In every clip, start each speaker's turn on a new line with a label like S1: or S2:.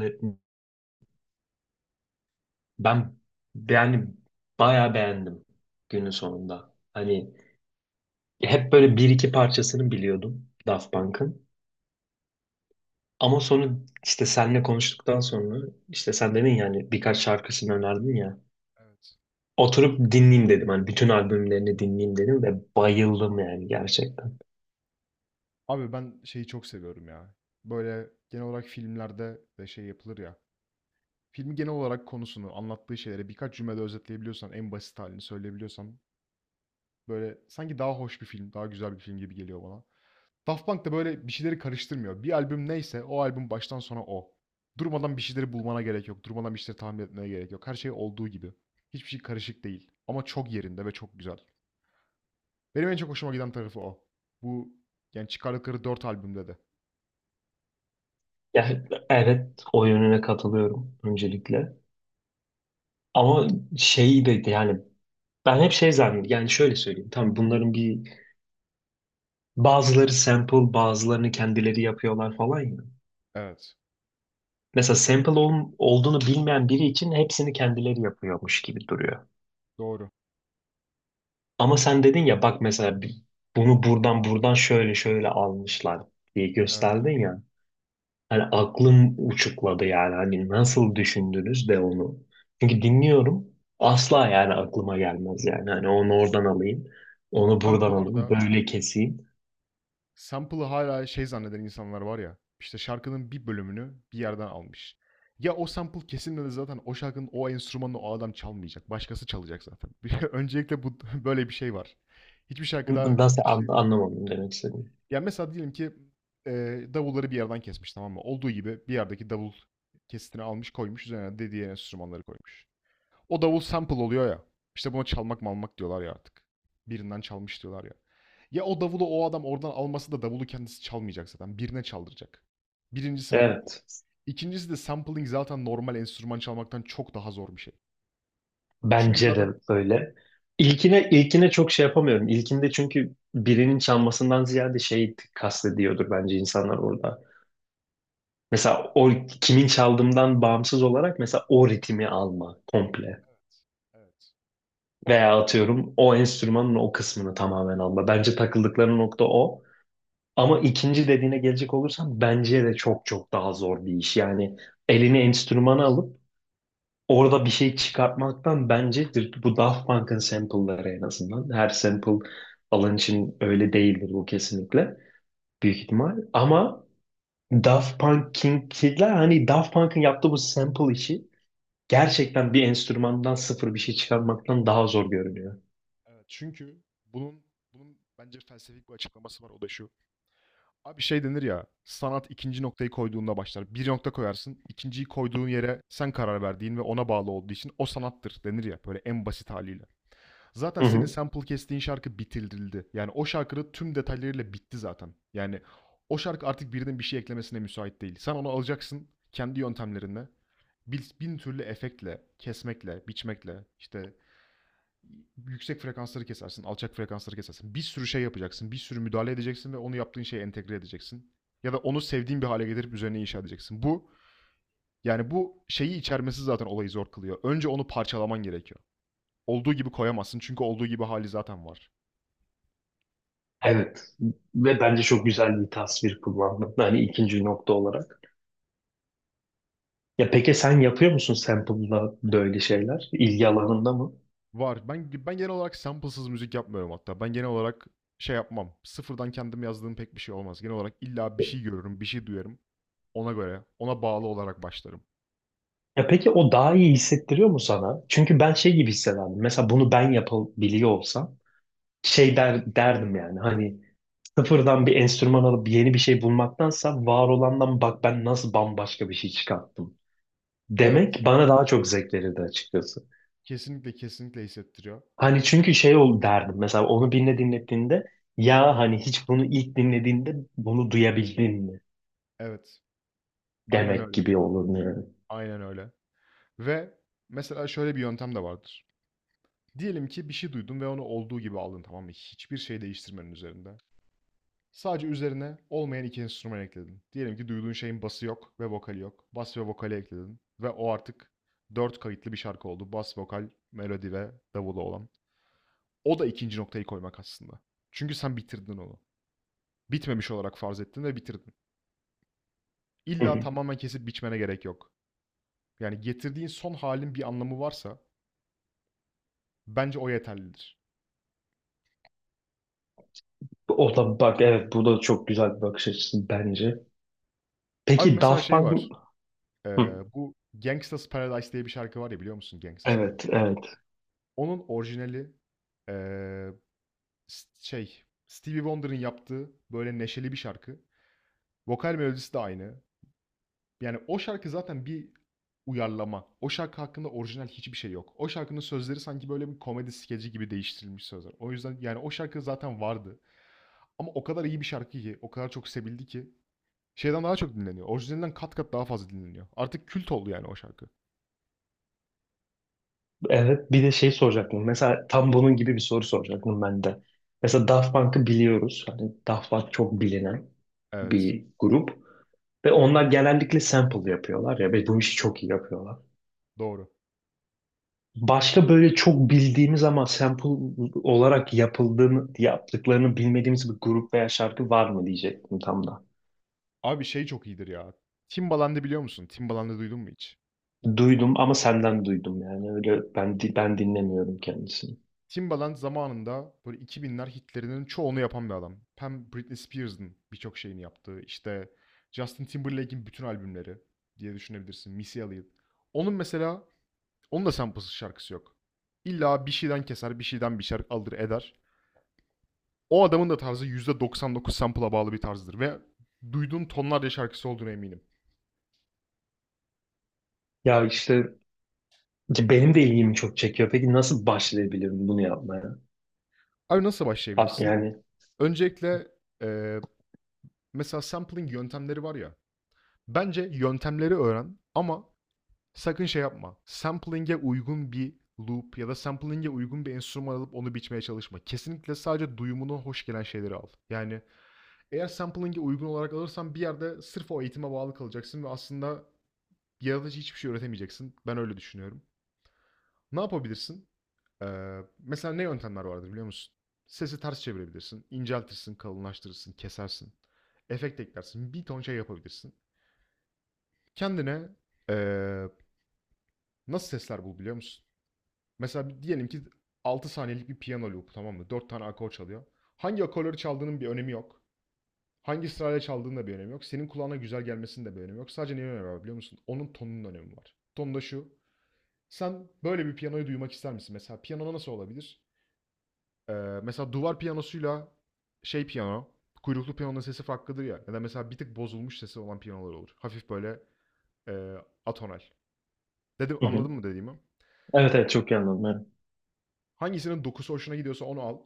S1: Evet, ben yani bayağı beğendim günün sonunda. Hani hep böyle bir iki parçasını biliyordum Daft Punk'ın. Ama sonra işte seninle konuştuktan sonra işte sen dedin yani birkaç şarkısını önerdin ya.
S2: Evet.
S1: Oturup dinleyeyim dedim. Hani bütün albümlerini dinleyeyim dedim ve bayıldım yani gerçekten.
S2: Abi ben şeyi çok seviyorum ya. Böyle genel olarak filmlerde de şey yapılır ya. Filmi genel olarak konusunu, anlattığı şeyleri birkaç cümlede özetleyebiliyorsan, en basit halini söyleyebiliyorsan böyle sanki daha hoş bir film, daha güzel bir film gibi geliyor bana. Daft Punk da böyle bir şeyleri karıştırmıyor. Bir albüm neyse o albüm baştan sona o. Durmadan bir şeyleri bulmana gerek yok. Durmadan bir şeyleri tahmin etmeye gerek yok. Her şey olduğu gibi. Hiçbir şey karışık değil. Ama çok yerinde ve çok güzel. Benim en çok hoşuma giden tarafı o. Bu yani çıkardıkları dört albümde de.
S1: Yani evet, o yönüne katılıyorum öncelikle. Ama şeyi de yani ben hep şey zannediyorum. Yani şöyle söyleyeyim. Tamam, bunların bir bazıları sample, bazılarını kendileri yapıyorlar falan ya.
S2: Evet.
S1: Mesela olduğunu bilmeyen biri için hepsini kendileri yapıyormuş gibi duruyor.
S2: Doğru.
S1: Ama sen dedin ya, bak mesela bunu buradan buradan şöyle şöyle almışlar diye
S2: Evet.
S1: gösterdin ya. Hani aklım uçukladı yani, hani nasıl düşündünüz de onu. Çünkü dinliyorum, asla yani aklıma gelmez yani. Hani onu oradan alayım, onu
S2: Abi
S1: buradan
S2: bu
S1: alayım,
S2: arada
S1: böyle keseyim.
S2: sample'ı hala şey zanneden insanlar var ya, işte şarkının bir bölümünü bir yerden almış. Ya o sample kesilmedi zaten, o şarkının o enstrümanını o adam çalmayacak. Başkası çalacak zaten. Öncelikle bu böyle bir şey var. Hiçbir şarkıda bir kişi...
S1: Anlamadım demek istedim.
S2: Yani mesela diyelim ki davulları bir yerden kesmiş, tamam mı? Olduğu gibi bir yerdeki davul kesitini almış, koymuş, üzerine de enstrümanları koymuş. O davul sample oluyor ya. İşte buna çalmak malmak diyorlar ya artık. Birinden çalmış diyorlar ya. Ya o davulu o adam oradan alması da, davulu kendisi çalmayacak zaten. Birine çaldıracak. Birincisi bu.
S1: Evet.
S2: İkincisi de sampling zaten normal enstrüman çalmaktan çok daha zor bir şey. Çünkü
S1: Bence de
S2: zaten
S1: öyle. İlkine çok şey yapamıyorum. İlkinde çünkü birinin çalmasından ziyade şey kastediyordur bence insanlar orada. Mesela o kimin çaldığından bağımsız olarak mesela o ritmi alma komple.
S2: Evet.
S1: Veya atıyorum o enstrümanın o kısmını tamamen alma. Bence takıldıkları nokta o. Ama ikinci dediğine gelecek olursam bence de çok çok daha zor bir iş. Yani elini enstrümana alıp orada bir şey çıkartmaktan bence bu Daft Punk'ın sample'ları en azından. Her sample alan için öyle değildir bu kesinlikle. Büyük ihtimal. Ama Daft Punk'inkiler, hani Daft Punk'ın yaptığı bu sample işi gerçekten bir enstrümandan sıfır bir şey çıkarmaktan daha zor görünüyor.
S2: Evet. Çünkü bunun bunun bence felsefik bir açıklaması var, o da şu. Abi şey denir ya, sanat ikinci noktayı koyduğunda başlar. Bir nokta koyarsın, ikinciyi koyduğun yere sen karar verdiğin ve ona bağlı olduğu için o sanattır denir ya böyle en basit haliyle. Zaten
S1: Hı
S2: senin
S1: hı.
S2: sample kestiğin şarkı bitirildi. Yani o şarkının tüm detaylarıyla bitti zaten. Yani o şarkı artık birinin bir şey eklemesine müsait değil. Sen onu alacaksın kendi yöntemlerinle. Bin türlü efektle, kesmekle, biçmekle, işte yüksek frekansları kesersin, alçak frekansları kesersin. Bir sürü şey yapacaksın, bir sürü müdahale edeceksin ve onu yaptığın şeye entegre edeceksin. Ya da onu sevdiğin bir hale getirip üzerine inşa edeceksin. Bu yani bu şeyi içermesi zaten olayı zor kılıyor. Önce onu parçalaman gerekiyor. Olduğu gibi koyamazsın çünkü olduğu gibi hali zaten var.
S1: Evet. Ve bence çok güzel bir tasvir kullandım. Hani ikinci nokta olarak. Ya peki sen yapıyor musun sample'la böyle şeyler? İlgi alanında mı?
S2: Var. Ben genel olarak sample'sız müzik yapmıyorum hatta. Ben genel olarak şey yapmam. Sıfırdan kendim yazdığım pek bir şey olmaz. Genel olarak illa bir şey görürüm, bir şey duyarım. Ona göre, ona bağlı olarak başlarım.
S1: Ya peki o daha iyi hissettiriyor mu sana? Çünkü ben şey gibi hissederdim. Mesela bunu ben yapabiliyor olsam derdim yani hani sıfırdan bir enstrüman alıp yeni bir şey bulmaktansa var olandan bak ben nasıl bambaşka bir şey çıkarttım
S2: Evet.
S1: demek bana daha çok zevk verirdi açıkçası.
S2: Kesinlikle kesinlikle hissettiriyor.
S1: Hani çünkü şey ol derdim mesela onu birine dinlettiğinde, ya hani hiç bunu ilk dinlediğinde bunu duyabildin mi
S2: Evet. Aynen
S1: demek
S2: öyle.
S1: gibi olur yani.
S2: Aynen öyle. Ve mesela şöyle bir yöntem de vardır. Diyelim ki bir şey duydun ve onu olduğu gibi aldın, tamam mı? Hiçbir şey değiştirmenin üzerinde. Sadece üzerine olmayan iki enstrüman ekledin. Diyelim ki duyduğun şeyin bası yok ve vokali yok. Bas ve vokali ekledin. Ve o artık dört kayıtlı bir şarkı oldu. Bas, vokal, melodi ve davulu olan. O da ikinci noktayı koymak aslında. Çünkü sen bitirdin onu. Bitmemiş olarak farz ettin ve bitirdin.
S1: Hı
S2: İlla
S1: hı.
S2: tamamen kesip biçmene gerek yok. Yani getirdiğin son halin bir anlamı varsa bence o yeterlidir.
S1: O da, bak, evet, bu da çok güzel bir bakış açısı bence.
S2: Abi
S1: Peki
S2: mesela
S1: Daft
S2: şey var.
S1: Punk.
S2: Ee,
S1: Hı.
S2: bu Gangsta's Paradise diye bir şarkı var ya, biliyor musun Gangsta's Paradise?
S1: Evet, evet.
S2: Onun orijinali ee, şey, Stevie Wonder'ın yaptığı böyle neşeli bir şarkı. Vokal melodisi de aynı. Yani o şarkı zaten bir uyarlama. O şarkı hakkında orijinal hiçbir şey yok. O şarkının sözleri sanki böyle bir komedi skeci gibi değiştirilmiş sözler. O yüzden yani o şarkı zaten vardı. Ama o kadar iyi bir şarkı ki, o kadar çok sevildi ki şeyden daha çok dinleniyor. Orijinalinden kat kat daha fazla dinleniyor. Artık kült oldu yani o şarkı.
S1: Evet, bir de şey soracaktım. Mesela tam bunun gibi bir soru soracaktım ben de. Mesela Daft Punk'ı biliyoruz. Hani Daft Punk çok bilinen
S2: Evet,
S1: bir grup. Ve onlar genellikle sample yapıyorlar ya ve bu işi çok iyi yapıyorlar.
S2: doğru.
S1: Başka böyle çok bildiğimiz ama sample olarak yapıldığını, yaptıklarını bilmediğimiz bir grup veya şarkı var mı diyecektim tam da.
S2: Abi şey çok iyidir ya. Timbaland'ı biliyor musun? Timbaland'ı duydun mu hiç?
S1: Duydum ama senden duydum yani, öyle ben dinlemiyorum kendisini.
S2: Timbaland zamanında böyle 2000'ler hitlerinin çoğunu yapan bir adam. Hem Britney Spears'ın birçok şeyini yaptığı, işte Justin Timberlake'in bütün albümleri diye düşünebilirsin. Missy Elliott. Onun mesela, onun da samplesiz şarkısı yok. İlla bir şeyden keser, bir şeyden bir şarkı alır eder. O adamın da tarzı %99 sample'a bağlı bir tarzdır ve duyduğun tonlarca şarkısı olduğuna eminim.
S1: Ya işte ki benim de ilgimi çok çekiyor. Peki nasıl başlayabilirim bunu yapmaya?
S2: Abi nasıl
S1: Ah,
S2: başlayabilirsin?
S1: yani.
S2: Öncelikle eee, mesela sampling yöntemleri var ya. Bence yöntemleri öğren ama sakın şey yapma. Sampling'e uygun bir loop ya da sampling'e uygun bir enstrüman alıp onu biçmeye çalışma. Kesinlikle sadece duyumuna hoş gelen şeyleri al. Yani eğer sampling'e uygun olarak alırsan bir yerde sırf o eğitime bağlı kalacaksın ve aslında yaratıcı hiçbir şey öğretemeyeceksin. Ben öyle düşünüyorum. Ne yapabilirsin? Mesela ne yöntemler vardır biliyor musun? Sesi ters çevirebilirsin, inceltirsin, kalınlaştırırsın, kesersin. Efekt eklersin, bir ton şey yapabilirsin. Kendine ee, nasıl sesler bul biliyor musun? Mesela diyelim ki 6 saniyelik bir piyano loop, tamam mı? 4 tane akor çalıyor. Hangi akorları çaldığının bir önemi yok. Hangi sırayla çaldığının da bir önemi yok. Senin kulağına güzel gelmesinin de bir önemi yok. Sadece neyin önemi var biliyor musun? Onun tonunun önemi var. Ton da şu. Sen böyle bir piyanoyu duymak ister misin? Mesela piyano nasıl olabilir? Ee, mesela duvar piyanosuyla şey piyano, kuyruklu piyanonun sesi farklıdır ya. Ya da mesela bir tık bozulmuş sesi olan piyanolar olur. Hafif böyle e, atonal. Dedim,
S1: Hı hı.
S2: anladın mı dediğimi?
S1: Evet, evet, çok iyi anladım. Evet.
S2: Hangisinin dokusu hoşuna gidiyorsa onu al.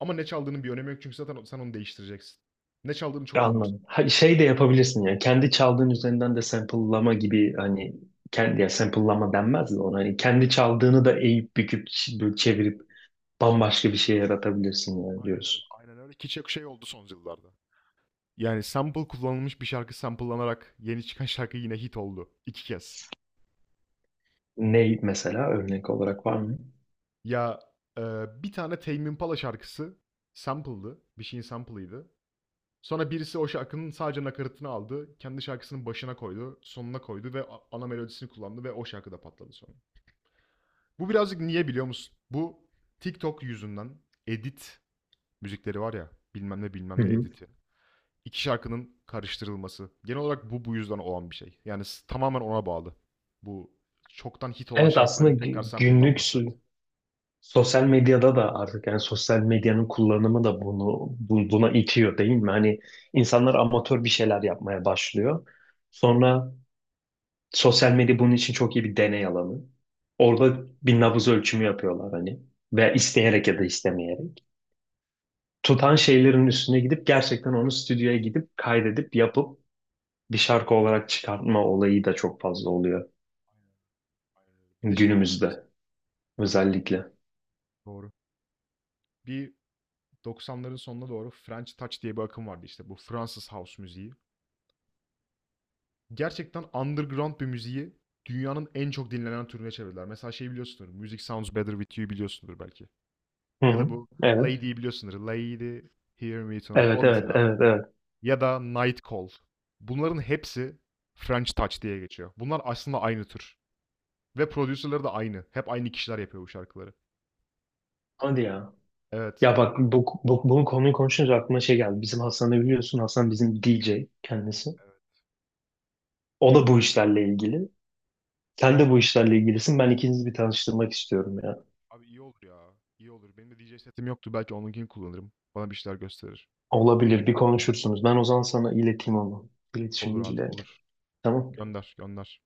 S2: Ama ne çaldığının bir önemi yok çünkü zaten sen onu değiştireceksin. Ne çaldığını çok da
S1: Anladım.
S2: umursamaz.
S1: Ha, şey de yapabilirsin yani kendi çaldığın üzerinden de sample'lama gibi, hani kendi, ya sample'lama denmez de ona. Hani kendi çaldığını da eğip büküp böyle çevirip bambaşka bir şey yaratabilirsin yani
S2: Aynen öyle.
S1: diyorsun.
S2: Aynen öyle. Ki çok şey oldu son yıllarda. Yani sample kullanılmış bir şarkı samplelanarak yeni çıkan şarkı yine hit oldu, iki kez.
S1: Ne mesela, örnek olarak var mı?
S2: Ya e, bir tane Tame Impala şarkısı sample'dı. Bir şeyin sample'ıydı. Sonra birisi o şarkının sadece nakaratını aldı. Kendi şarkısının başına koydu. Sonuna koydu ve ana melodisini kullandı ve o şarkı da patladı sonra. Bu birazcık niye biliyor musun? Bu TikTok yüzünden edit müzikleri var ya, bilmem ne bilmem
S1: Hı
S2: ne
S1: hı.
S2: editi. İki şarkının karıştırılması. Genel olarak bu yüzden olan bir şey. Yani s- tamamen ona bağlı. Bu çoktan hit olan
S1: Evet,
S2: şarkıların
S1: aslında
S2: tekrar sample'lanması. Aynen,
S1: sosyal medyada da artık, yani sosyal medyanın kullanımı da buna itiyor değil mi? Hani insanlar amatör bir şeyler yapmaya başlıyor. Sonra sosyal medya bunun için çok iyi bir deney alanı. Orada bir nabız ölçümü yapıyorlar hani, veya isteyerek ya da istemeyerek. Tutan şeylerin üstüne gidip gerçekten onu stüdyoya gidip kaydedip yapıp bir şarkı olarak çıkartma olayı da çok fazla oluyor
S2: aynen öyle. Bir de şey vardı mesela.
S1: günümüzde özellikle.
S2: Doğru. Bir 90'ların sonuna doğru French Touch diye bir akım vardı işte. Bu Fransız house müziği. Gerçekten underground bir müziği dünyanın en çok dinlenen türüne çevirdiler. Mesela şey biliyorsundur. Music Sounds Better With You biliyorsundur belki.
S1: Hı
S2: Ya da
S1: hı.
S2: bu
S1: Evet.
S2: Lady'yi biliyorsundur. Lady Hear Me Tonight.
S1: Evet,
S2: O
S1: evet,
S2: mesela.
S1: evet, evet.
S2: Ya da Night Call. Bunların hepsi French Touch diye geçiyor. Bunlar aslında aynı tür. Ve prodüserleri de aynı. Hep aynı kişiler yapıyor bu şarkıları.
S1: Hadi ya.
S2: Evet.
S1: Ya bak, bunun konuyu konuşunca aklıma şey geldi. Bizim Hasan'ı biliyorsun. Hasan bizim DJ kendisi.
S2: Evet.
S1: O da bu işlerle ilgili. Sen de bu işlerle ilgilisin. Ben ikinizi bir tanıştırmak istiyorum ya.
S2: Abi iyi olur ya. İyi olur. Benim de DJ setim yoktu. Belki onunkini kullanırım. Bana bir şeyler gösterir.
S1: Olabilir. Bir konuşursunuz. Ben o zaman sana ileteyim onu. İletişim
S2: Olur abi
S1: bilgileri.
S2: olur.
S1: Tamam.
S2: Gönder gönder.